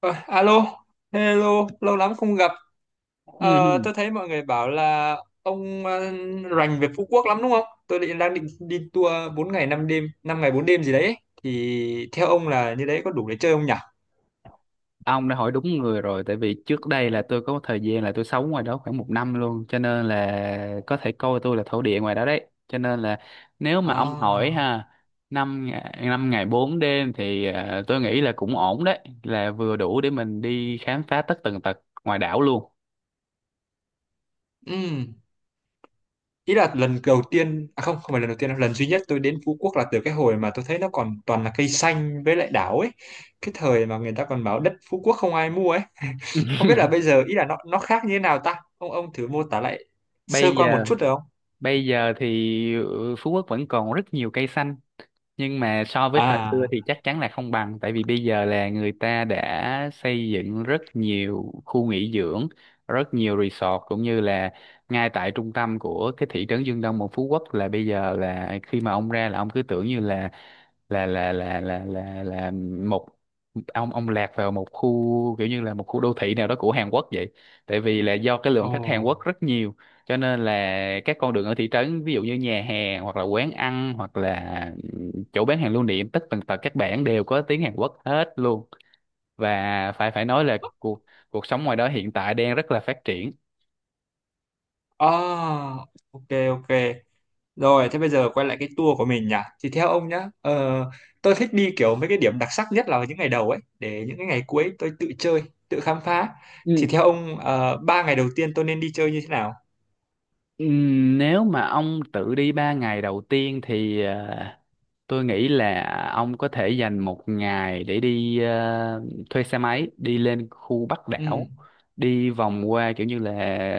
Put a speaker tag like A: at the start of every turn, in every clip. A: Ờ, alo, hello, lâu lắm không gặp. Ờ,
B: Ừ.
A: tôi thấy mọi người bảo là ông rành về Phú Quốc lắm đúng không? Tôi đang định đi tour 4 ngày 5 đêm, 5 ngày 4 đêm gì đấy. Thì theo ông là như đấy có đủ để chơi không nhỉ?
B: Ông đã hỏi đúng người rồi tại vì trước đây là tôi có một thời gian là tôi sống ngoài đó khoảng một năm luôn, cho nên là có thể coi tôi là thổ địa ngoài đó đấy. Cho nên là nếu mà ông hỏi
A: À.
B: ha, năm ngày bốn đêm thì tôi nghĩ là cũng ổn đấy, là vừa đủ để mình đi khám phá tất tần tật ngoài đảo luôn.
A: Ừm. Ý là lần đầu tiên, à không, không phải lần đầu tiên đâu, lần duy nhất tôi đến Phú Quốc là từ cái hồi mà tôi thấy nó còn toàn là cây xanh với lại đảo ấy. Cái thời mà người ta còn bảo đất Phú Quốc không ai mua ấy. Không biết là bây giờ ý là nó khác như thế nào ta? Ông thử mô tả lại sơ
B: bây
A: qua một
B: giờ
A: chút được không?
B: Bây giờ thì Phú Quốc vẫn còn rất nhiều cây xanh, nhưng mà so với thời xưa
A: À.
B: thì chắc chắn là không bằng, tại vì bây giờ là người ta đã xây dựng rất nhiều khu nghỉ dưỡng, rất nhiều resort, cũng như là ngay tại trung tâm của cái thị trấn Dương Đông một Phú Quốc là bây giờ, là khi mà ông ra là ông cứ tưởng như là là là là là là là một ông lạc vào một khu kiểu như là một khu đô thị nào đó của Hàn Quốc vậy. Tại vì là do cái
A: Ồ.
B: lượng khách Hàn Quốc rất nhiều, cho nên là các con đường ở thị trấn, ví dụ như nhà hàng hoặc là quán ăn, hoặc là chỗ bán hàng lưu niệm, tất tần tật các bạn đều có tiếng Hàn Quốc hết luôn. Và phải phải nói là cuộc cuộc sống ngoài đó hiện tại đang rất là phát triển.
A: À, ok, ok, rồi thế bây giờ quay lại cái tour của mình nhỉ. Thì theo ông nhá, tôi thích đi kiểu mấy cái điểm đặc sắc nhất là vào những ngày đầu ấy, để những cái ngày cuối tôi tự chơi, tự khám phá.
B: Ừ.
A: Thì theo ông, ba ngày đầu tiên tôi nên đi chơi như thế nào?
B: Nếu mà ông tự đi ba ngày đầu tiên thì tôi nghĩ là ông có thể dành một ngày để đi, thuê xe máy đi lên khu Bắc
A: Ừ.
B: đảo, đi vòng qua kiểu như là,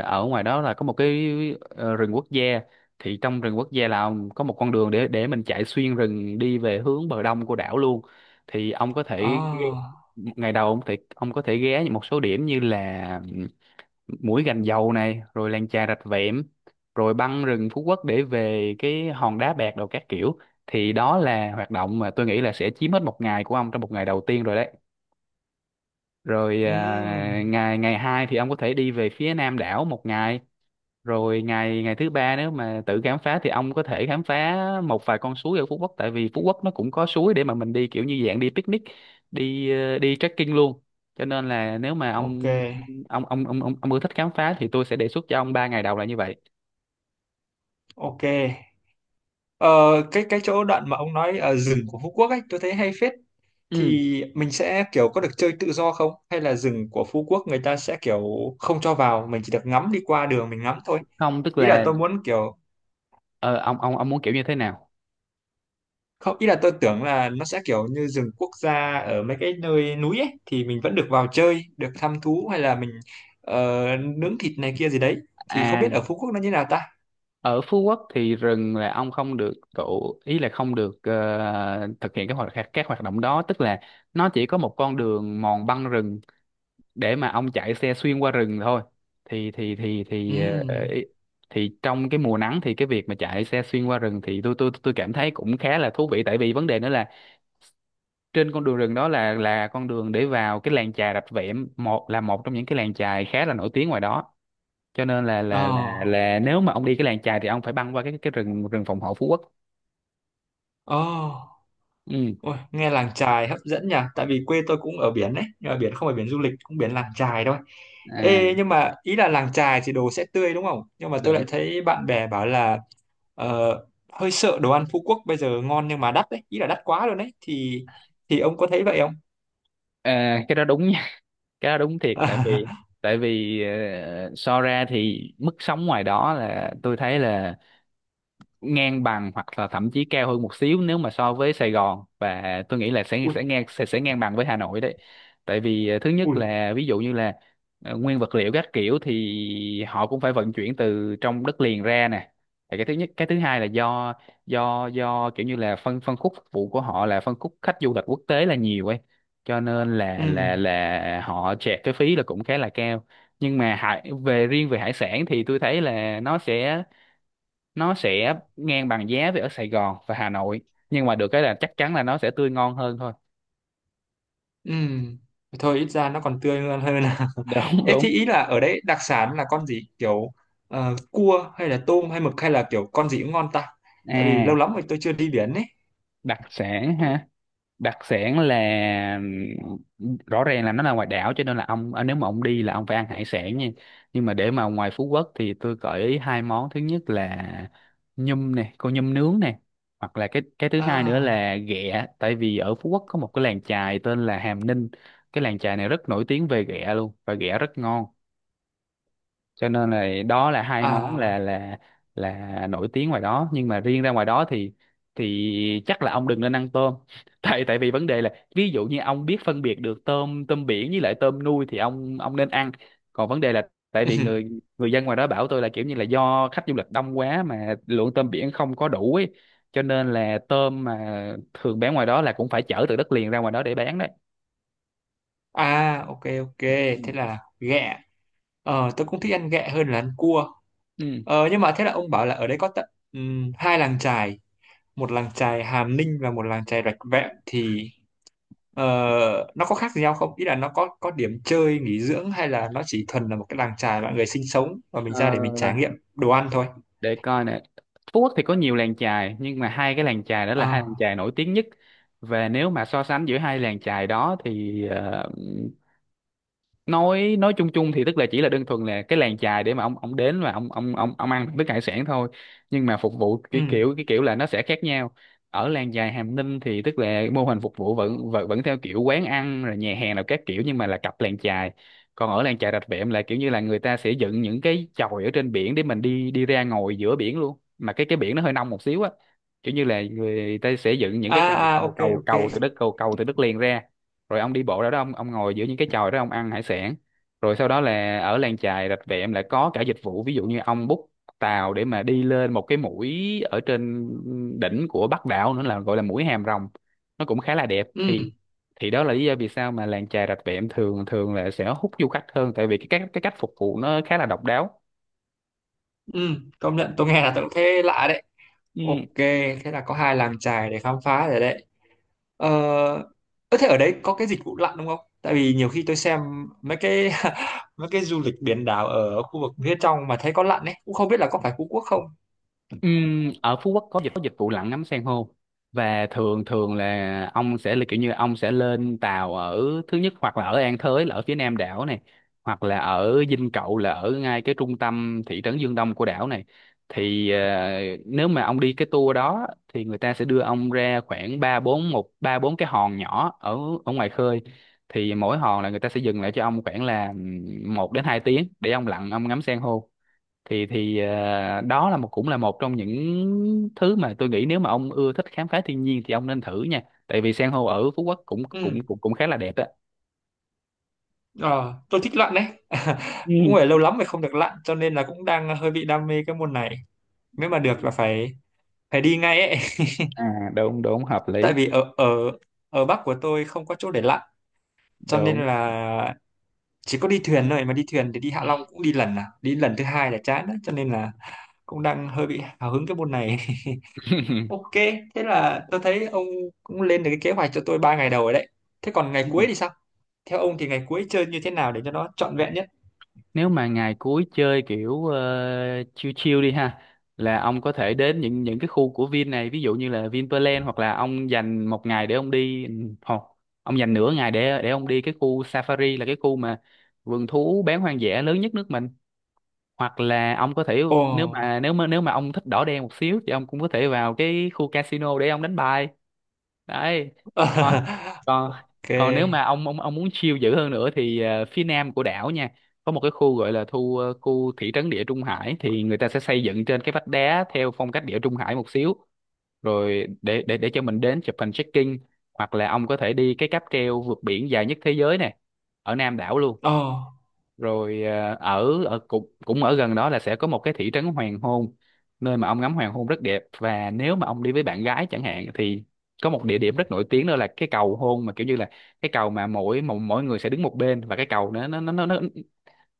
B: ở ngoài đó là có một cái rừng quốc gia. Thì trong rừng quốc gia là ông có một con đường để mình chạy xuyên rừng đi về hướng bờ đông của đảo luôn. Thì ông có thể,
A: À.
B: ngày đầu ông thì ông có thể ghé một số điểm như là mũi Gành Dầu này, rồi làng chài Rạch Vẹm, rồi băng rừng Phú Quốc để về cái hòn đá bạc đồ các kiểu. Thì đó là hoạt động mà tôi nghĩ là sẽ chiếm hết một ngày của ông trong một ngày đầu tiên rồi đấy. Rồi
A: Ừ.
B: à, ngày ngày hai thì ông có thể đi về phía Nam đảo một ngày. Rồi ngày ngày thứ ba, nếu mà tự khám phá thì ông có thể khám phá một vài con suối ở Phú Quốc, tại vì Phú Quốc nó cũng có suối để mà mình đi kiểu như dạng đi picnic, đi đi trekking luôn. Cho nên là nếu mà
A: Ok,
B: ông ưa thích khám phá thì tôi sẽ đề xuất cho ông ba ngày đầu là như vậy.
A: ok. Ờ, cái chỗ đoạn mà ông nói ở rừng của Phú Quốc ấy tôi thấy hay phết.
B: Ừ,
A: Thì mình sẽ kiểu có được chơi tự do không, hay là rừng của Phú Quốc người ta sẽ kiểu không cho vào, mình chỉ được ngắm đi qua đường mình ngắm thôi?
B: không, tức
A: Ý là
B: là
A: tôi muốn kiểu,
B: ờ, ông muốn kiểu như thế nào?
A: không, ý là tôi tưởng là nó sẽ kiểu như rừng quốc gia ở mấy cái nơi núi ấy thì mình vẫn được vào chơi, được thăm thú, hay là mình nướng thịt này kia gì đấy. Thì không
B: À,
A: biết ở Phú Quốc nó như nào ta.
B: ở Phú Quốc thì rừng là ông không được, tụ ý là không được thực hiện các hoạt động đó. Tức là nó chỉ có một con đường mòn băng rừng để mà ông chạy xe xuyên qua rừng thôi. Thì
A: Ừ.
B: thì trong cái mùa nắng thì cái việc mà chạy xe xuyên qua rừng thì tôi cảm thấy cũng khá là thú vị. Tại vì vấn đề nữa là trên con đường rừng đó là con đường để vào cái làng chài Rạch Vẹm, một là một trong những cái làng chài khá là nổi tiếng ngoài đó. Cho nên là
A: Ờ.
B: nếu mà ông đi cái làng chài thì ông phải băng qua cái rừng rừng phòng hộ Phú Quốc.
A: Ờ.
B: Ừ.
A: Ôi, nghe làng chài hấp dẫn nhỉ, tại vì quê tôi cũng ở biển đấy, nhưng mà biển không phải biển du lịch, cũng biển làng chài thôi. Ê,
B: À,
A: nhưng mà ý là làng chài thì đồ sẽ tươi đúng không, nhưng mà tôi
B: đúng.
A: lại thấy bạn bè bảo là ờ, hơi sợ đồ ăn Phú Quốc bây giờ ngon nhưng mà đắt đấy, ý là đắt quá luôn đấy, thì ông có thấy vậy không?
B: À, cái đó đúng nha, cái đó đúng thiệt. Tại vì so ra thì mức sống ngoài đó là tôi thấy là ngang bằng hoặc là thậm chí cao hơn một xíu nếu mà so với Sài Gòn, và tôi nghĩ là sẽ
A: Ui,
B: sẽ ngang bằng với Hà Nội đấy. Tại vì ờ, thứ nhất
A: ui.
B: là ví dụ như là nguyên vật liệu các kiểu thì họ cũng phải vận chuyển từ trong đất liền ra nè. Thì cái thứ nhất, cái thứ hai là do kiểu như là phân phân khúc phục vụ của họ là phân khúc khách du lịch quốc tế là nhiều ấy, cho nên là
A: Ừ.
B: họ chẹt cái phí là cũng khá là cao. Nhưng mà hải, về riêng về hải sản thì tôi thấy là nó sẽ ngang bằng giá với ở Sài Gòn và Hà Nội, nhưng mà được cái là chắc chắn là nó sẽ tươi ngon hơn thôi.
A: Ừ. Thôi ít ra nó còn tươi hơn hơn là.
B: Đúng,
A: Ê,
B: đúng.
A: thì ý là ở đấy đặc sản là con gì kiểu cua hay là tôm hay mực, hay là kiểu con gì cũng ngon ta? Tại vì lâu
B: À,
A: lắm rồi tôi chưa đi biển ấy.
B: đặc sản ha. Đặc sản là, rõ ràng là nó là ngoài đảo, cho nên là ông, à, nếu mà ông đi là ông phải ăn hải sản nha. Nhưng mà để mà ngoài Phú Quốc thì tôi gợi ý hai món. Thứ nhất là nhum nè, con nhum nướng nè. Hoặc là cái thứ hai nữa
A: À.
B: là ghẹ, tại vì ở Phú Quốc có một cái làng chài tên là Hàm Ninh. Cái làng chài này rất nổi tiếng về ghẹ luôn, và ghẹ rất ngon. Cho nên là đó là hai món
A: À.
B: là nổi tiếng ngoài đó. Nhưng mà riêng ra ngoài đó thì chắc là ông đừng nên ăn tôm, tại, tại vì vấn đề là ví dụ như ông biết phân biệt được tôm tôm biển với lại tôm nuôi thì ông nên ăn. Còn vấn đề là tại vì người người dân ngoài đó bảo tôi là kiểu như là do khách du lịch đông quá mà lượng tôm biển không có đủ ấy, cho nên là tôm mà thường bán ngoài đó là cũng phải chở từ đất liền ra ngoài đó để bán đấy.
A: À, ok, ok.
B: Ừ.
A: Thế là ghẹ. Tôi cũng thích ăn ghẹ hơn là ăn cua.
B: Ừ.
A: Nhưng mà thế là ông bảo là ở đấy có tận hai làng chài, một làng chài Hàm Ninh và một làng chài Rạch Vẹm thì, Ờ, nó có khác gì nhau không? Ý là nó có điểm chơi, nghỉ dưỡng, hay là nó chỉ thuần là một cái làng chài mọi người sinh sống và mình ra để mình trải
B: Ờ,
A: nghiệm đồ ăn thôi.
B: để coi nè, Phú Quốc thì có nhiều làng chài nhưng mà hai cái làng chài đó là hai làng
A: À.
B: chài nổi tiếng nhất. Và nếu mà so sánh giữa hai làng chài đó thì nói chung chung thì tức là chỉ là đơn thuần là cái làng chài để mà ông đến và ông ăn thức hải sản thôi, nhưng mà phục vụ
A: Ừ.
B: cái kiểu là nó sẽ khác nhau. Ở làng chài Hàm Ninh thì tức là mô hình phục vụ vẫn vẫn, vẫn theo kiểu quán ăn rồi nhà hàng nào các kiểu, nhưng mà là cặp làng chài. Còn ở làng chài Rạch Vẹm là kiểu như là người ta sẽ dựng những cái chòi ở trên biển để mình đi đi ra ngồi giữa biển luôn, mà cái biển nó hơi nông một xíu á. Kiểu như là người ta sẽ dựng những cái cầu
A: À, à,
B: cầu
A: ok,
B: cầu
A: ok.
B: cầu từ đất, cầu cầu từ đất liền ra, rồi ông đi bộ ra đó, ông ngồi giữa những cái chòi đó, ông ăn hải sản. Rồi sau đó là ở làng chài Rạch Vẹm lại có cả dịch vụ, ví dụ như ông book tàu để mà đi lên một cái mũi ở trên đỉnh của Bắc đảo nữa, là gọi là mũi Hàm Rồng, nó cũng khá là đẹp. Thì
A: Ừ,
B: đó là lý do vì sao mà làng chài Rạch Vẹm thường thường là sẽ hút du khách hơn, tại vì cái cách phục vụ nó khá là độc đáo.
A: ừ, công nhận tôi nghe là tôi cũng thấy lạ đấy.
B: Ừ.
A: Ok, thế là có hai làng chài để khám phá rồi đấy. Ờ, ơ thế ở đấy có cái dịch vụ lặn đúng không? Tại vì nhiều khi tôi xem mấy cái mấy cái du lịch biển đảo ở khu vực phía trong mà thấy có lặn ấy, cũng không biết là có phải Phú Quốc không.
B: Ở Phú Quốc có có dịch vụ lặn ngắm san hô, và thường thường là ông sẽ là kiểu như ông sẽ lên tàu ở, thứ nhất hoặc là ở An Thới là ở phía nam đảo này, hoặc là ở Dinh Cậu là ở ngay cái trung tâm thị trấn Dương Đông của đảo này. Thì ờ, nếu mà ông đi cái tour đó thì người ta sẽ đưa ông ra khoảng ba bốn, ba bốn cái hòn nhỏ ở ở ngoài khơi. Thì mỗi hòn là người ta sẽ dừng lại cho ông khoảng là một đến hai tiếng để ông lặn, ông ngắm san hô. Thì đó là một, cũng là một trong những thứ mà tôi nghĩ nếu mà ông ưa thích khám phá thiên nhiên thì ông nên thử nha, tại vì san hô ở Phú Quốc cũng cũng
A: Ừ.
B: cũng cũng khá là đẹp đó.
A: Ờ, tôi thích lặn đấy. Cũng
B: Ừ.
A: phải lâu lắm rồi không được lặn, cho nên là cũng đang hơi bị đam mê cái môn này. Nếu mà được là phải phải đi ngay ấy.
B: À, đúng đúng, hợp
A: Tại
B: lý.
A: vì ở ở ở Bắc của tôi không có chỗ để lặn, cho nên
B: Đúng.
A: là chỉ có đi thuyền thôi, mà đi thuyền thì đi Hạ Long cũng đi lần à đi lần thứ hai là chán đấy, cho nên là cũng đang hơi bị hào hứng cái môn này. Ok, thế là tôi thấy ông cũng lên được cái kế hoạch cho tôi ba ngày đầu rồi đấy. Thế còn ngày
B: Ừ.
A: cuối thì sao? Theo ông thì ngày cuối chơi như thế nào để cho nó trọn vẹn nhất?
B: Nếu mà ngày cuối chơi kiểu chill chill đi ha, là ông có thể đến những cái khu của Vin này, ví dụ như là Vinpearl, hoặc là ông dành một ngày để ông đi, hoặc ông dành nửa ngày để ông đi cái khu Safari, là cái khu mà vườn thú bán hoang dã lớn nhất nước mình. Hoặc là ông có thể,
A: Ồ.
B: nếu mà ông thích đỏ đen một xíu thì ông cũng có thể vào cái khu casino để ông đánh bài, đấy. Còn, còn,
A: Ok.
B: còn nếu mà ông muốn chill dữ hơn nữa thì phía nam của đảo nha, có một cái khu gọi là thu khu thị trấn Địa Trung Hải, thì người ta sẽ xây dựng trên cái vách đá theo phong cách Địa Trung Hải một xíu, rồi để cho mình đến chụp hình check-in. Hoặc là ông có thể đi cái cáp treo vượt biển dài nhất thế giới này, ở nam đảo luôn.
A: Oh.
B: Rồi à, ở ở cũng cũng ở gần đó là sẽ có một cái thị trấn hoàng hôn, nơi mà ông ngắm hoàng hôn rất đẹp, và nếu mà ông đi với bạn gái chẳng hạn thì có một địa điểm rất nổi tiếng, đó là cái Cầu Hôn, mà kiểu như là cái cầu mà mỗi mỗi, mỗi người sẽ đứng một bên, và cái cầu nó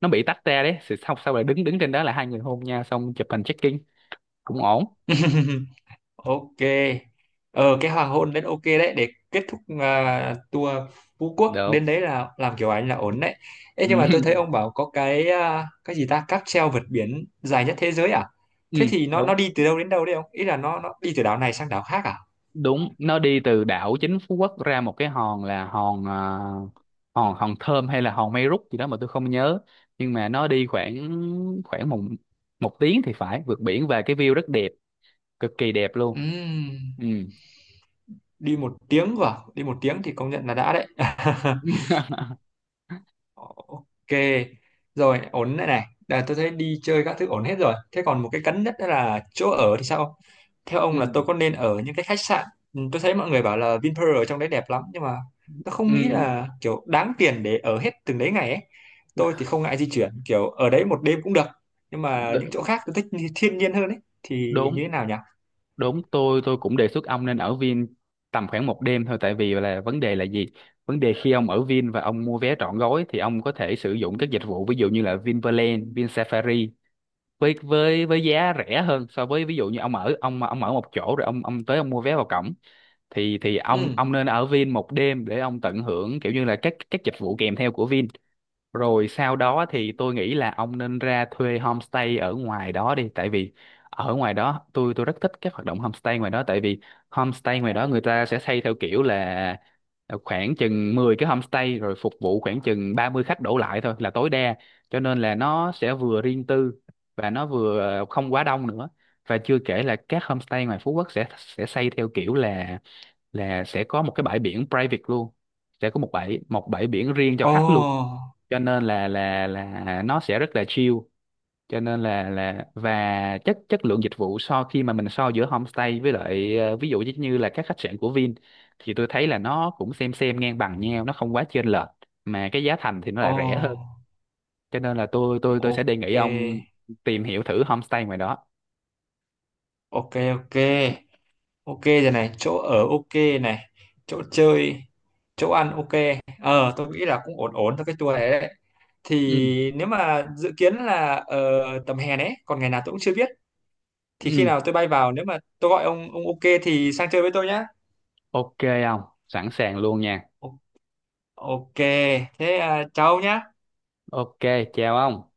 B: nó bị tách ra đấy. Thì sau sau là đứng đứng trên đó là hai người hôn nhau xong chụp hình check-in cũng ổn.
A: Ok. Ờ, cái hoàng hôn đến ok đấy để kết thúc, tour Phú
B: Được
A: Quốc
B: không?
A: đến đấy là làm kiểu ảnh là ổn đấy. Ê, nhưng mà tôi thấy ông bảo có cái gì ta, cáp treo vượt biển dài nhất thế giới à?
B: ừ,
A: Thế thì nó
B: đúng,
A: đi từ đâu đến đâu đấy ông, ý là nó đi từ đảo này sang đảo khác à?
B: đúng, nó đi từ đảo chính Phú Quốc ra một cái hòn, là hòn hòn hòn Thơm hay là hòn Mây Rút gì đó mà tôi không nhớ. Nhưng mà nó đi khoảng, khoảng một một tiếng thì phải vượt biển, và cái view rất đẹp, cực kỳ đẹp luôn. Ừ.
A: Ừm. Đi một tiếng vào, đi một tiếng thì công nhận là đã đấy. Ờ, ok, rồi ổn đây này. Đà, tôi thấy đi chơi các thứ ổn hết rồi. Thế còn một cái cấn nhất đó là chỗ ở thì sao? Theo ông
B: Ừ.
A: là tôi có nên ở những cái khách sạn? Ừ, tôi thấy mọi người bảo là Vinpearl ở trong đấy đẹp lắm, nhưng mà tôi không nghĩ
B: Ừ.
A: là kiểu đáng tiền để ở hết từng đấy ngày ấy. Tôi thì không ngại di chuyển, kiểu ở đấy một đêm cũng được. Nhưng mà những chỗ
B: đ-
A: khác tôi thích thiên nhiên hơn ấy. Thì
B: Đúng,
A: như thế nào nhỉ?
B: đúng, tôi cũng đề xuất ông nên ở Vin tầm khoảng một đêm thôi, tại vì là, vấn đề là gì, vấn đề khi ông ở Vin và ông mua vé trọn gói thì ông có thể sử dụng các dịch vụ, ví dụ như là Vinpearl, Vin Safari, với giá rẻ hơn, so với ví dụ như ông ở, ông ở một chỗ rồi ông tới ông mua vé vào cổng, thì thì ông
A: Ừ.
B: ông nên ở Vin một đêm để ông tận hưởng kiểu như là các dịch vụ kèm theo của Vin. Rồi sau đó thì tôi nghĩ là ông nên ra thuê homestay ở ngoài đó đi, tại vì ở ngoài đó tôi rất thích các hoạt động homestay ngoài đó, tại vì homestay ngoài đó người ta sẽ xây theo kiểu là khoảng chừng 10 cái homestay rồi phục vụ khoảng chừng 30 khách đổ lại thôi là tối đa. Cho nên là nó sẽ vừa riêng tư, và nó vừa không quá đông nữa. Và chưa kể là các homestay ngoài Phú Quốc sẽ xây theo kiểu là sẽ có một cái bãi biển private luôn, sẽ có một bãi, một bãi biển riêng cho khách luôn.
A: Ồ,
B: Cho nên là là nó sẽ rất là chill. Cho nên là và chất chất lượng dịch vụ, so khi mà mình so giữa homestay với lại ví dụ như như các khách sạn của Vin, thì tôi thấy là nó cũng xem ngang bằng nhau, nó không quá chênh lệch, mà cái giá thành thì nó
A: ồ,
B: lại rẻ hơn. Cho nên là tôi tôi sẽ đề
A: ok,
B: nghị ông tìm hiểu thử homestay ngoài đó.
A: ok, ok. Ok, rồi này, chỗ ở ok, này chỗ chơi, chỗ ăn ok, tôi nghĩ là cũng ổn ổn cho cái tour này đấy.
B: Ừ.
A: Thì nếu mà dự kiến là tầm hè đấy, còn ngày nào tôi cũng chưa biết, thì khi
B: Ừ.
A: nào tôi bay vào, nếu mà tôi gọi ông, ok thì sang chơi với tôi nhá.
B: Ok, ông sẵn sàng luôn nha.
A: O- ok. Thế à, chào ông nhá.
B: Ok, chào ông.